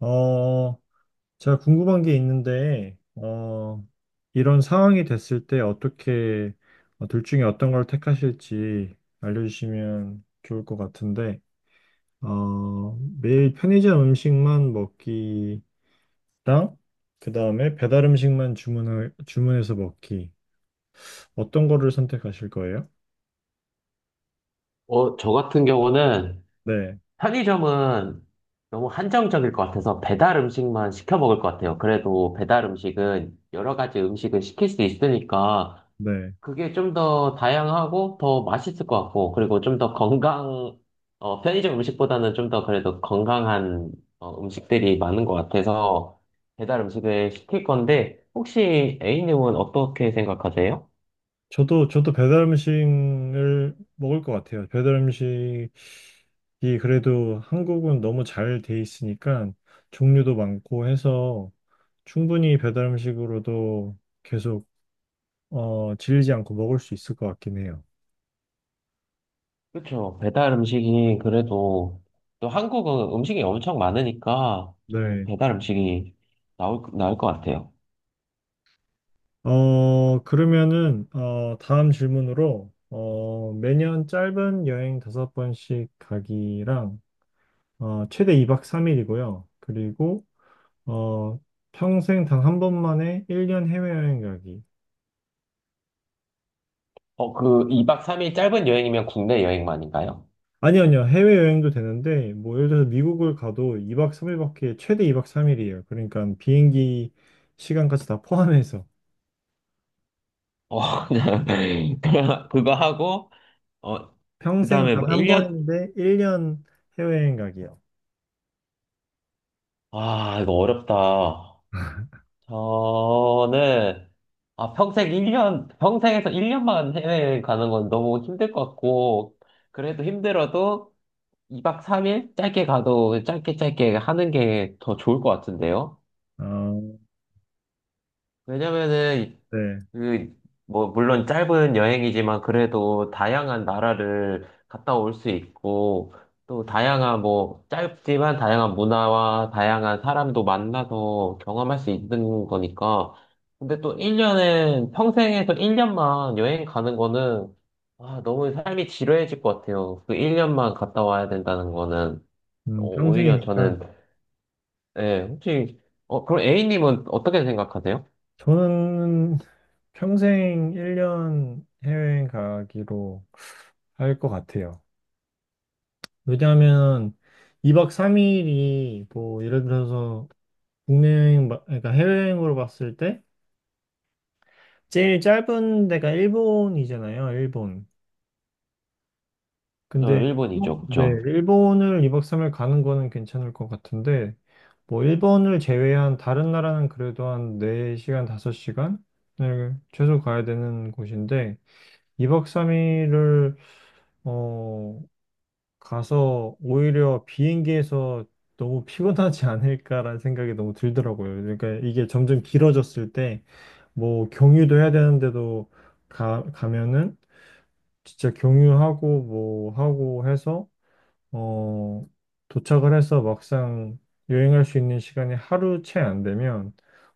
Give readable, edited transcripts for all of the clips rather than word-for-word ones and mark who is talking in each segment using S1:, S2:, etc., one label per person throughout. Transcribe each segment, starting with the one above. S1: 어, 제가 궁금한 게 있는데, 이런 상황이 됐을 때 어떻게, 둘 중에 어떤 걸 택하실지 알려주시면 좋을 것 같은데, 어, 매일 편의점 음식만 먹기랑, 그 다음에 배달 음식만 주문해서 먹기. 어떤 거를 선택하실 거예요?
S2: 저 같은 경우는
S1: 네,
S2: 편의점은 너무 한정적일 것 같아서 배달 음식만 시켜 먹을 것 같아요. 그래도 배달 음식은 여러 가지 음식을 시킬 수 있으니까
S1: 네.
S2: 그게 좀 더 다양하고 더 맛있을 것 같고, 그리고 좀 더 편의점 음식보다는 좀 더 그래도 건강한 음식들이 많은 것 같아서 배달 음식을 시킬 건데, 혹시 A님은 어떻게 생각하세요?
S1: 저도 배달 음식을 먹을 것 같아요. 배달 음식이 그래도 한국은 너무 잘 돼 있으니까 종류도 많고 해서 충분히 배달 음식으로도 계속 질리지 않고 먹을 수 있을 것 같긴 해요.
S2: 그렇죠. 배달 음식이 그래도 또 한국은 음식이 엄청 많으니까 저는
S1: 네.
S2: 배달 음식이 나올 것 같아요.
S1: 그러면은 다음 질문으로 매년 짧은 여행 다섯 번씩 가기랑 최대 2박 3일이고요. 그리고 어, 평생 단 한 번만에 1년 해외여행 가기.
S2: 그 2박 3일 짧은 여행이면 국내 여행만인가요?
S1: 아니, 아니요. 해외여행도 되는데, 뭐, 예를 들어서 미국을 가도 2박 3일밖에, 최대 2박 3일이에요. 그러니까 비행기 시간까지 다 포함해서.
S2: 어, 그냥 그냥 그거 하고 어,
S1: 평생
S2: 그다음에 뭐
S1: 단 한
S2: 1년.
S1: 번인데, 1년 해외여행 가기요.
S2: 이거 어렵다. 저는, 평생 1년, 평생에서 1년만 해외 가는 건 너무 힘들 것 같고, 그래도 힘들어도 2박 3일? 짧게 가도 짧게 짧게 하는 게 더 좋을 것 같은데요?
S1: 아,
S2: 왜냐면은,
S1: 네.
S2: 그, 뭐, 물론 짧은 여행이지만 그래도 다양한 나라를 갔다 올 수 있고, 또 다양한, 뭐, 짧지만 다양한 문화와 다양한 사람도 만나서 경험할 수 있는 거니까. 근데 또 1년은, 평생에서 1년만 여행 가는 거는, 너무 삶이 지루해질 것 같아요. 그 1년만 갔다 와야 된다는 거는, 어, 오히려
S1: 평생이니까.
S2: 저는, 네, 혹시, 그럼 A님은 어떻게 생각하세요?
S1: 저는 평생 1년 해외여행 가기로 할 것 같아요. 왜냐하면, 2박 3일이 뭐 예를 들어서 국내 여행, 그러니까 해외여행으로 봤을 때 제일 짧은 데가 일본이잖아요, 일본. 근데
S2: 일본이 죠
S1: 네,
S2: 그죠?
S1: 일본을 2박 3일 가는 거는 괜찮을 것 같은데 뭐 일본을 제외한 다른 나라는 그래도 한 4시간, 5시간을 최소 가야 되는 곳인데 2박 3일을 어, 가서 오히려 비행기에서 너무 피곤하지 않을까라는 생각이 너무 들더라고요. 그러니까 이게 점점 길어졌을 때 뭐 경유도 해야 되는데도 가면은 진짜 경유하고 뭐 하고 해서 어 도착을 해서 막상 여행할 수 있는 시간이 하루 채 안 되면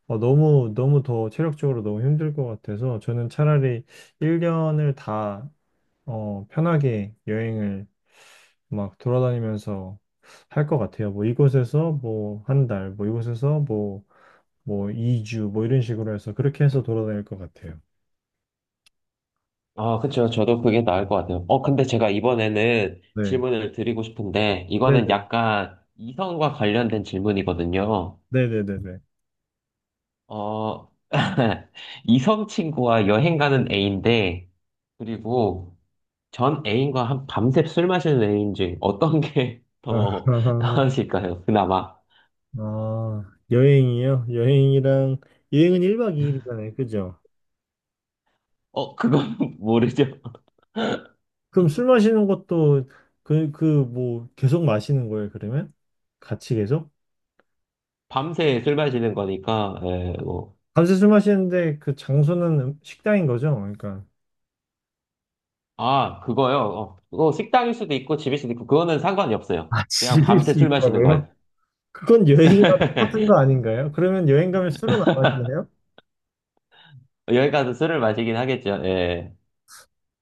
S1: 너무 너무 더 체력적으로 너무 힘들 것 같아서 저는 차라리 1년을 다 편하게 여행을 막 돌아다니면서 할 것 같아요. 뭐 이곳에서 뭐 한 달, 뭐 이곳에서 뭐 2주 뭐 이런 식으로 해서 그렇게 해서 돌아다닐 것 같아요.
S2: 그쵸. 저도 그게 나을 것 같아요. 근데 제가 이번에는
S1: 네.
S2: 질문을 드리고 싶은데, 이거는
S1: 네네.
S2: 약간 이성과 관련된 질문이거든요.
S1: 네네네네.
S2: 어, 이성 친구와 여행 가는 A인데, 그리고 전 애인과 한 밤새 술 마시는 애인지 어떤 게
S1: 아,
S2: 더 나으실까요? 그나마.
S1: 아, 여행이요? 여행이랑, 여행은 1박 2일이잖아요. 그죠?
S2: 그건 모르죠.
S1: 그럼 술 마시는 것도 뭐, 계속 마시는 거예요, 그러면? 같이 계속?
S2: 밤새 술 마시는 거니까, 예, 뭐.
S1: 밤새 술 마시는데 그 장소는 식당인 거죠? 그러니까.
S2: 그거요. 그거 식당일 수도 있고 집일 수도 있고 그거는 상관이 없어요.
S1: 아,
S2: 그냥
S1: 즐길
S2: 밤새
S1: 수
S2: 술 마시는 거예요.
S1: 있다고요? 그건 여행이랑 똑같은 거 아닌가요? 그러면 여행 가면 술은 안 마시나요?
S2: 여기 가서 술을 마시긴 하겠죠. 예.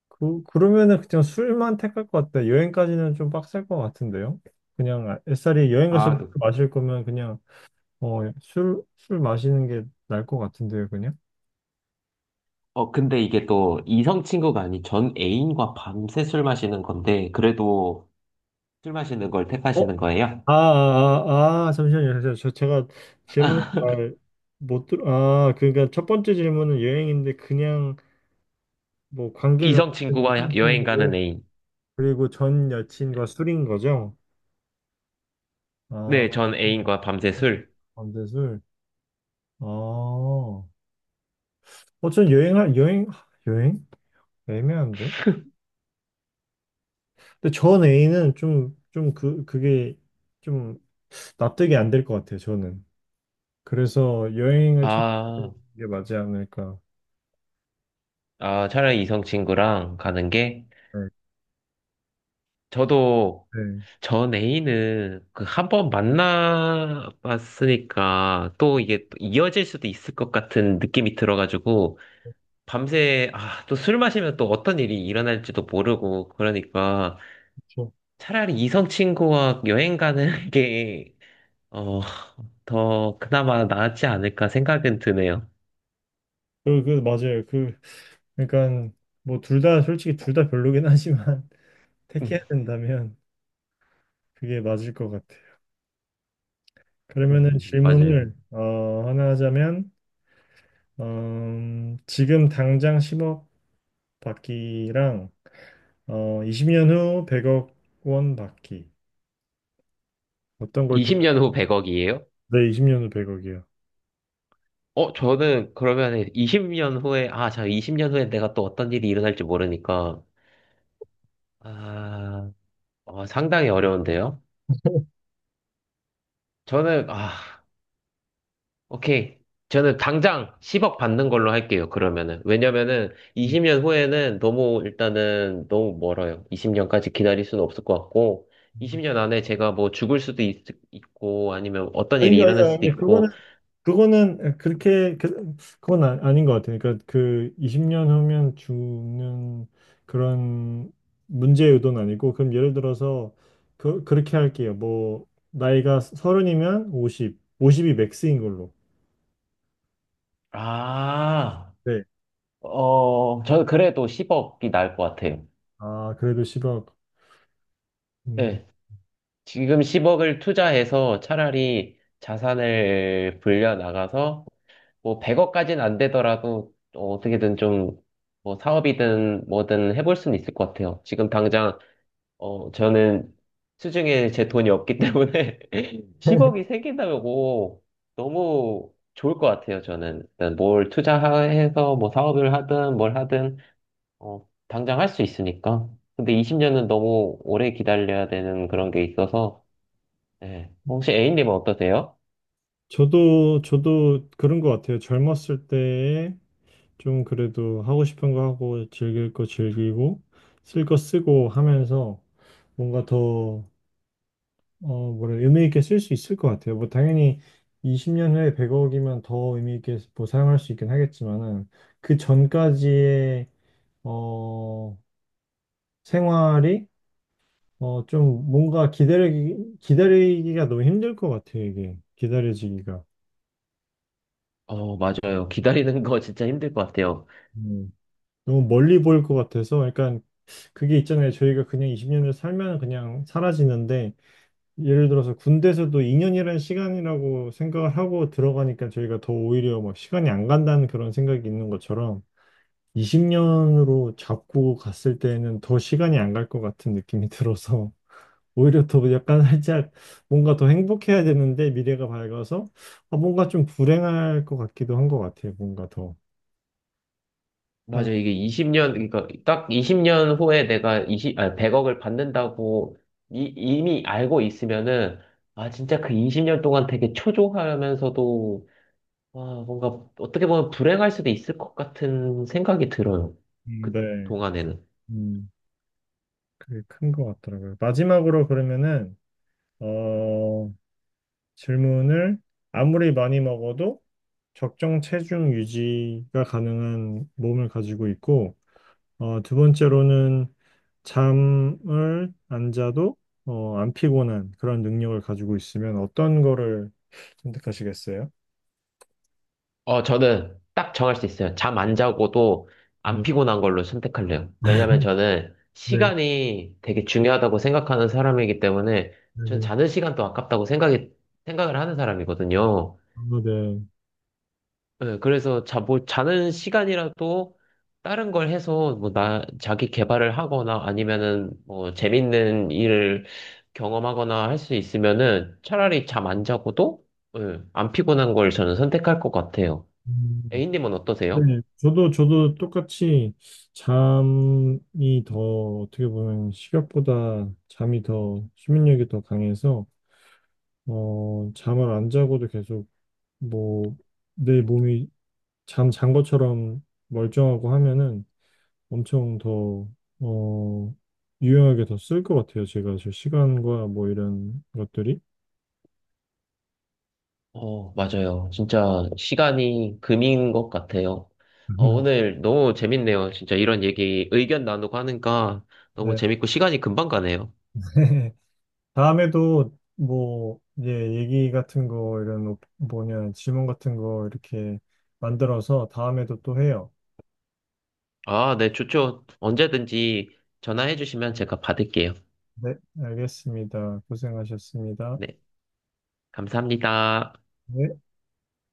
S1: 그러면은 그냥 술만 택할 것 같아요. 여행까지는 좀 빡셀 것 같은데요? 그냥 애살이 여행 가서
S2: 아,
S1: 술
S2: 그-
S1: 마실 거면 그냥 술 마시는 게 나을 것 같은데요, 그냥?
S2: 근데 이게 또 이성 친구가 아닌 전 애인과 밤새 술 마시는 건데, 그래도 술 마시는 걸
S1: 어?
S2: 택하시는 거예요?
S1: 아, 아, 아, 아, 잠시만요. 잠시만요. 제가 아, 그러니까 첫 번째 질문은 여행인데 그냥 뭐 관계가
S2: 이성 친구와
S1: 이상 친
S2: 여행
S1: 구
S2: 가는
S1: 고
S2: 애인.
S1: 그리고 전 여친과 술인 거죠?
S2: 네,
S1: 아,
S2: 전 애인과 밤새 술.
S1: 안돼술 아, 전 여행? 애매한데? 근데 전 애인은 좀 그게 좀 납득이 안 될 것 같아요, 저는. 그래서 여행을 찾는
S2: 아,
S1: 게 맞지 않을까.
S2: 차라리 이성 친구랑 가는 게,
S1: 네,
S2: 저도,
S1: 네.
S2: 전 애인은 그 한 번 만나봤으니까 또 이게 또 이어질 수도 있을 것 같은 느낌이 들어가지고, 밤새 또 술 마시면 또 어떤 일이 일어날지도 모르고 그러니까
S1: 그렇죠.
S2: 차라리 이성 친구와 여행 가는 게 어, 더 그나마 낫지 않을까 생각은 드네요.
S1: 맞아요. 그러니까, 뭐, 둘 다, 솔직히 둘 다 별로긴 하지만,
S2: 음,
S1: 택해야 된다면, 그게 맞을 것 같아요. 그러면은
S2: 맞아요.
S1: 하나 하자면, 지금 당장 10억 받기랑, 어, 20년 후 100억 원 받기. 어떤 걸 택할?
S2: 20년 후 100억이에요?
S1: 네, 20년 후 100억이요.
S2: 저는 그러면 20년 후에, 자, 20년 후에 내가 또 어떤 일이 일어날지 모르니까, 아, 상당히 어려운데요. 저는, 오케이. 저는 당장 10억 받는 걸로 할게요, 그러면은. 왜냐면은 20년 후에는 너무, 일단은 너무 멀어요. 20년까지 기다릴 수는 없을 것 같고, 20년 안에 제가 뭐 죽을 수도 있고, 아니면 어떤 일이
S1: 아니, 아니,
S2: 일어날 수도
S1: 아니, 그거는
S2: 있고,
S1: 예, 그건 아닌 것 같아요. 그러니까 그 20년 후면 죽는 그런 문제 요도는 아니고 그럼 예를 들어서 그렇게 할게요. 뭐 나이가 서른이면 50, 50이 맥스인 걸로.
S2: 아,
S1: 네.
S2: 저는 그래도 10억이 나을 것 같아요.
S1: 아 그래도 10억. 음,
S2: 네. 지금 10억을 투자해서 차라리 자산을 불려 나가서, 뭐 100억까지는 안 되더라도 어떻게든 좀 뭐 사업이든 뭐든 해볼 수는 있을 것 같아요. 지금 당장 저는 수중에 제 돈이 없기 때문에 10억이 생긴다고 너무 좋을 것 같아요. 저는 일단 뭘 투자해서 뭐 사업을 하든 뭘 하든 당장 할 수 있으니까. 근데 20년은 너무 오래 기다려야 되는 그런 게 있어서. 네. 혹시 A님은 어떠세요?
S1: 저도 그런 것 같아요. 젊었을 때 좀 그래도 하고 싶은 거 하고 즐길 거 즐기고 쓸 거 쓰고 하면서 뭔가 더 뭐래, 의미 있게 쓸 수 있을 것 같아요. 뭐, 당연히 20년 후에 100억이면 더 의미 있게 뭐 사용할 수 있긴 하겠지만은, 그 전까지의, 어, 생활이, 좀 뭔가 기다리기가 너무 힘들 것 같아요, 이게. 기다려지기가.
S2: 맞아요. 기다리는 거 진짜 힘들 것 같아요.
S1: 음, 너무 멀리 보일 것 같아서, 약간, 그게 있잖아요. 저희가 그냥 20년을 살면 그냥 사라지는데, 예를 들어서 군대에서도 2년이라는 시간이라고 생각을 하고 들어가니까 저희가 더 오히려 막 시간이 안 간다는 그런 생각이 있는 것처럼 20년으로 잡고 갔을 때는 더 시간이 안 갈 것 같은 느낌이 들어서 오히려 더 약간 살짝 뭔가 더 행복해야 되는데 미래가 밝아서 아, 뭔가 좀 불행할 것 같기도 한 것 같아요. 뭔가 더. 아,
S2: 맞아. 이게 20년, 그러니까 딱 20년 후에 내가 100억을 받는다고 이미 알고 있으면은, 진짜 그 20년 동안 되게 초조하면서도, 와, 뭔가 어떻게 보면 불행할 수도 있을 것 같은 생각이 들어요. 그
S1: 네.
S2: 동안에는.
S1: 음, 그게 큰 것 같더라고요. 마지막으로 그러면은 어, 질문을 아무리 많이 먹어도 적정 체중 유지가 가능한 몸을 가지고 있고, 두 번째로는 잠을 안 자도 안 피곤한 그런 능력을 가지고 있으면 어떤 거를 선택하시겠어요?
S2: 저는 딱 정할 수 있어요. 잠 안 자고도 안
S1: 네,
S2: 피곤한 걸로 선택할래요. 왜냐면 저는
S1: 네,
S2: 시간이 되게 중요하다고 생각하는 사람이기 때문에,
S1: 네,
S2: 전
S1: 네.
S2: 자는 시간도 아깝다고 생각을 하는 사람이거든요.
S1: 아, 네.
S2: 네, 그래서 뭐 자는 시간이라도 다른 걸 해서 뭐 자기 개발을 하거나 아니면은 뭐 재밌는 일을 경험하거나 할 수 있으면은 차라리 잠 안 자고도, 예, 안 피곤한 걸 저는 선택할 것 같아요.
S1: 음,
S2: A님은 어떠세요?
S1: 네, 저도 똑같이 잠이 더 어떻게 보면 식욕보다 수면력이 더 강해서 잠을 안 자고도 계속 뭐 내 몸이 잠 잔 것처럼 멀쩡하고 하면은 엄청 더 어, 유용하게 더 쓸 것 같아요. 제가 저 시간과 뭐 이런 것들이.
S2: 맞아요. 진짜 시간이 금인 것 같아요. 오늘 너무 재밌네요. 진짜 이런 얘기, 의견 나누고 하니까 너무
S1: 네.
S2: 재밌고 시간이 금방 가네요.
S1: 다음에도 뭐, 예, 얘기 같은 거, 이런 뭐냐, 질문 같은 거 이렇게 만들어서 다음에도 또 해요.
S2: 네, 좋죠. 언제든지 전화해 주시면 제가 받을게요.
S1: 네, 알겠습니다. 고생하셨습니다.
S2: 네, 감사합니다.
S1: 네.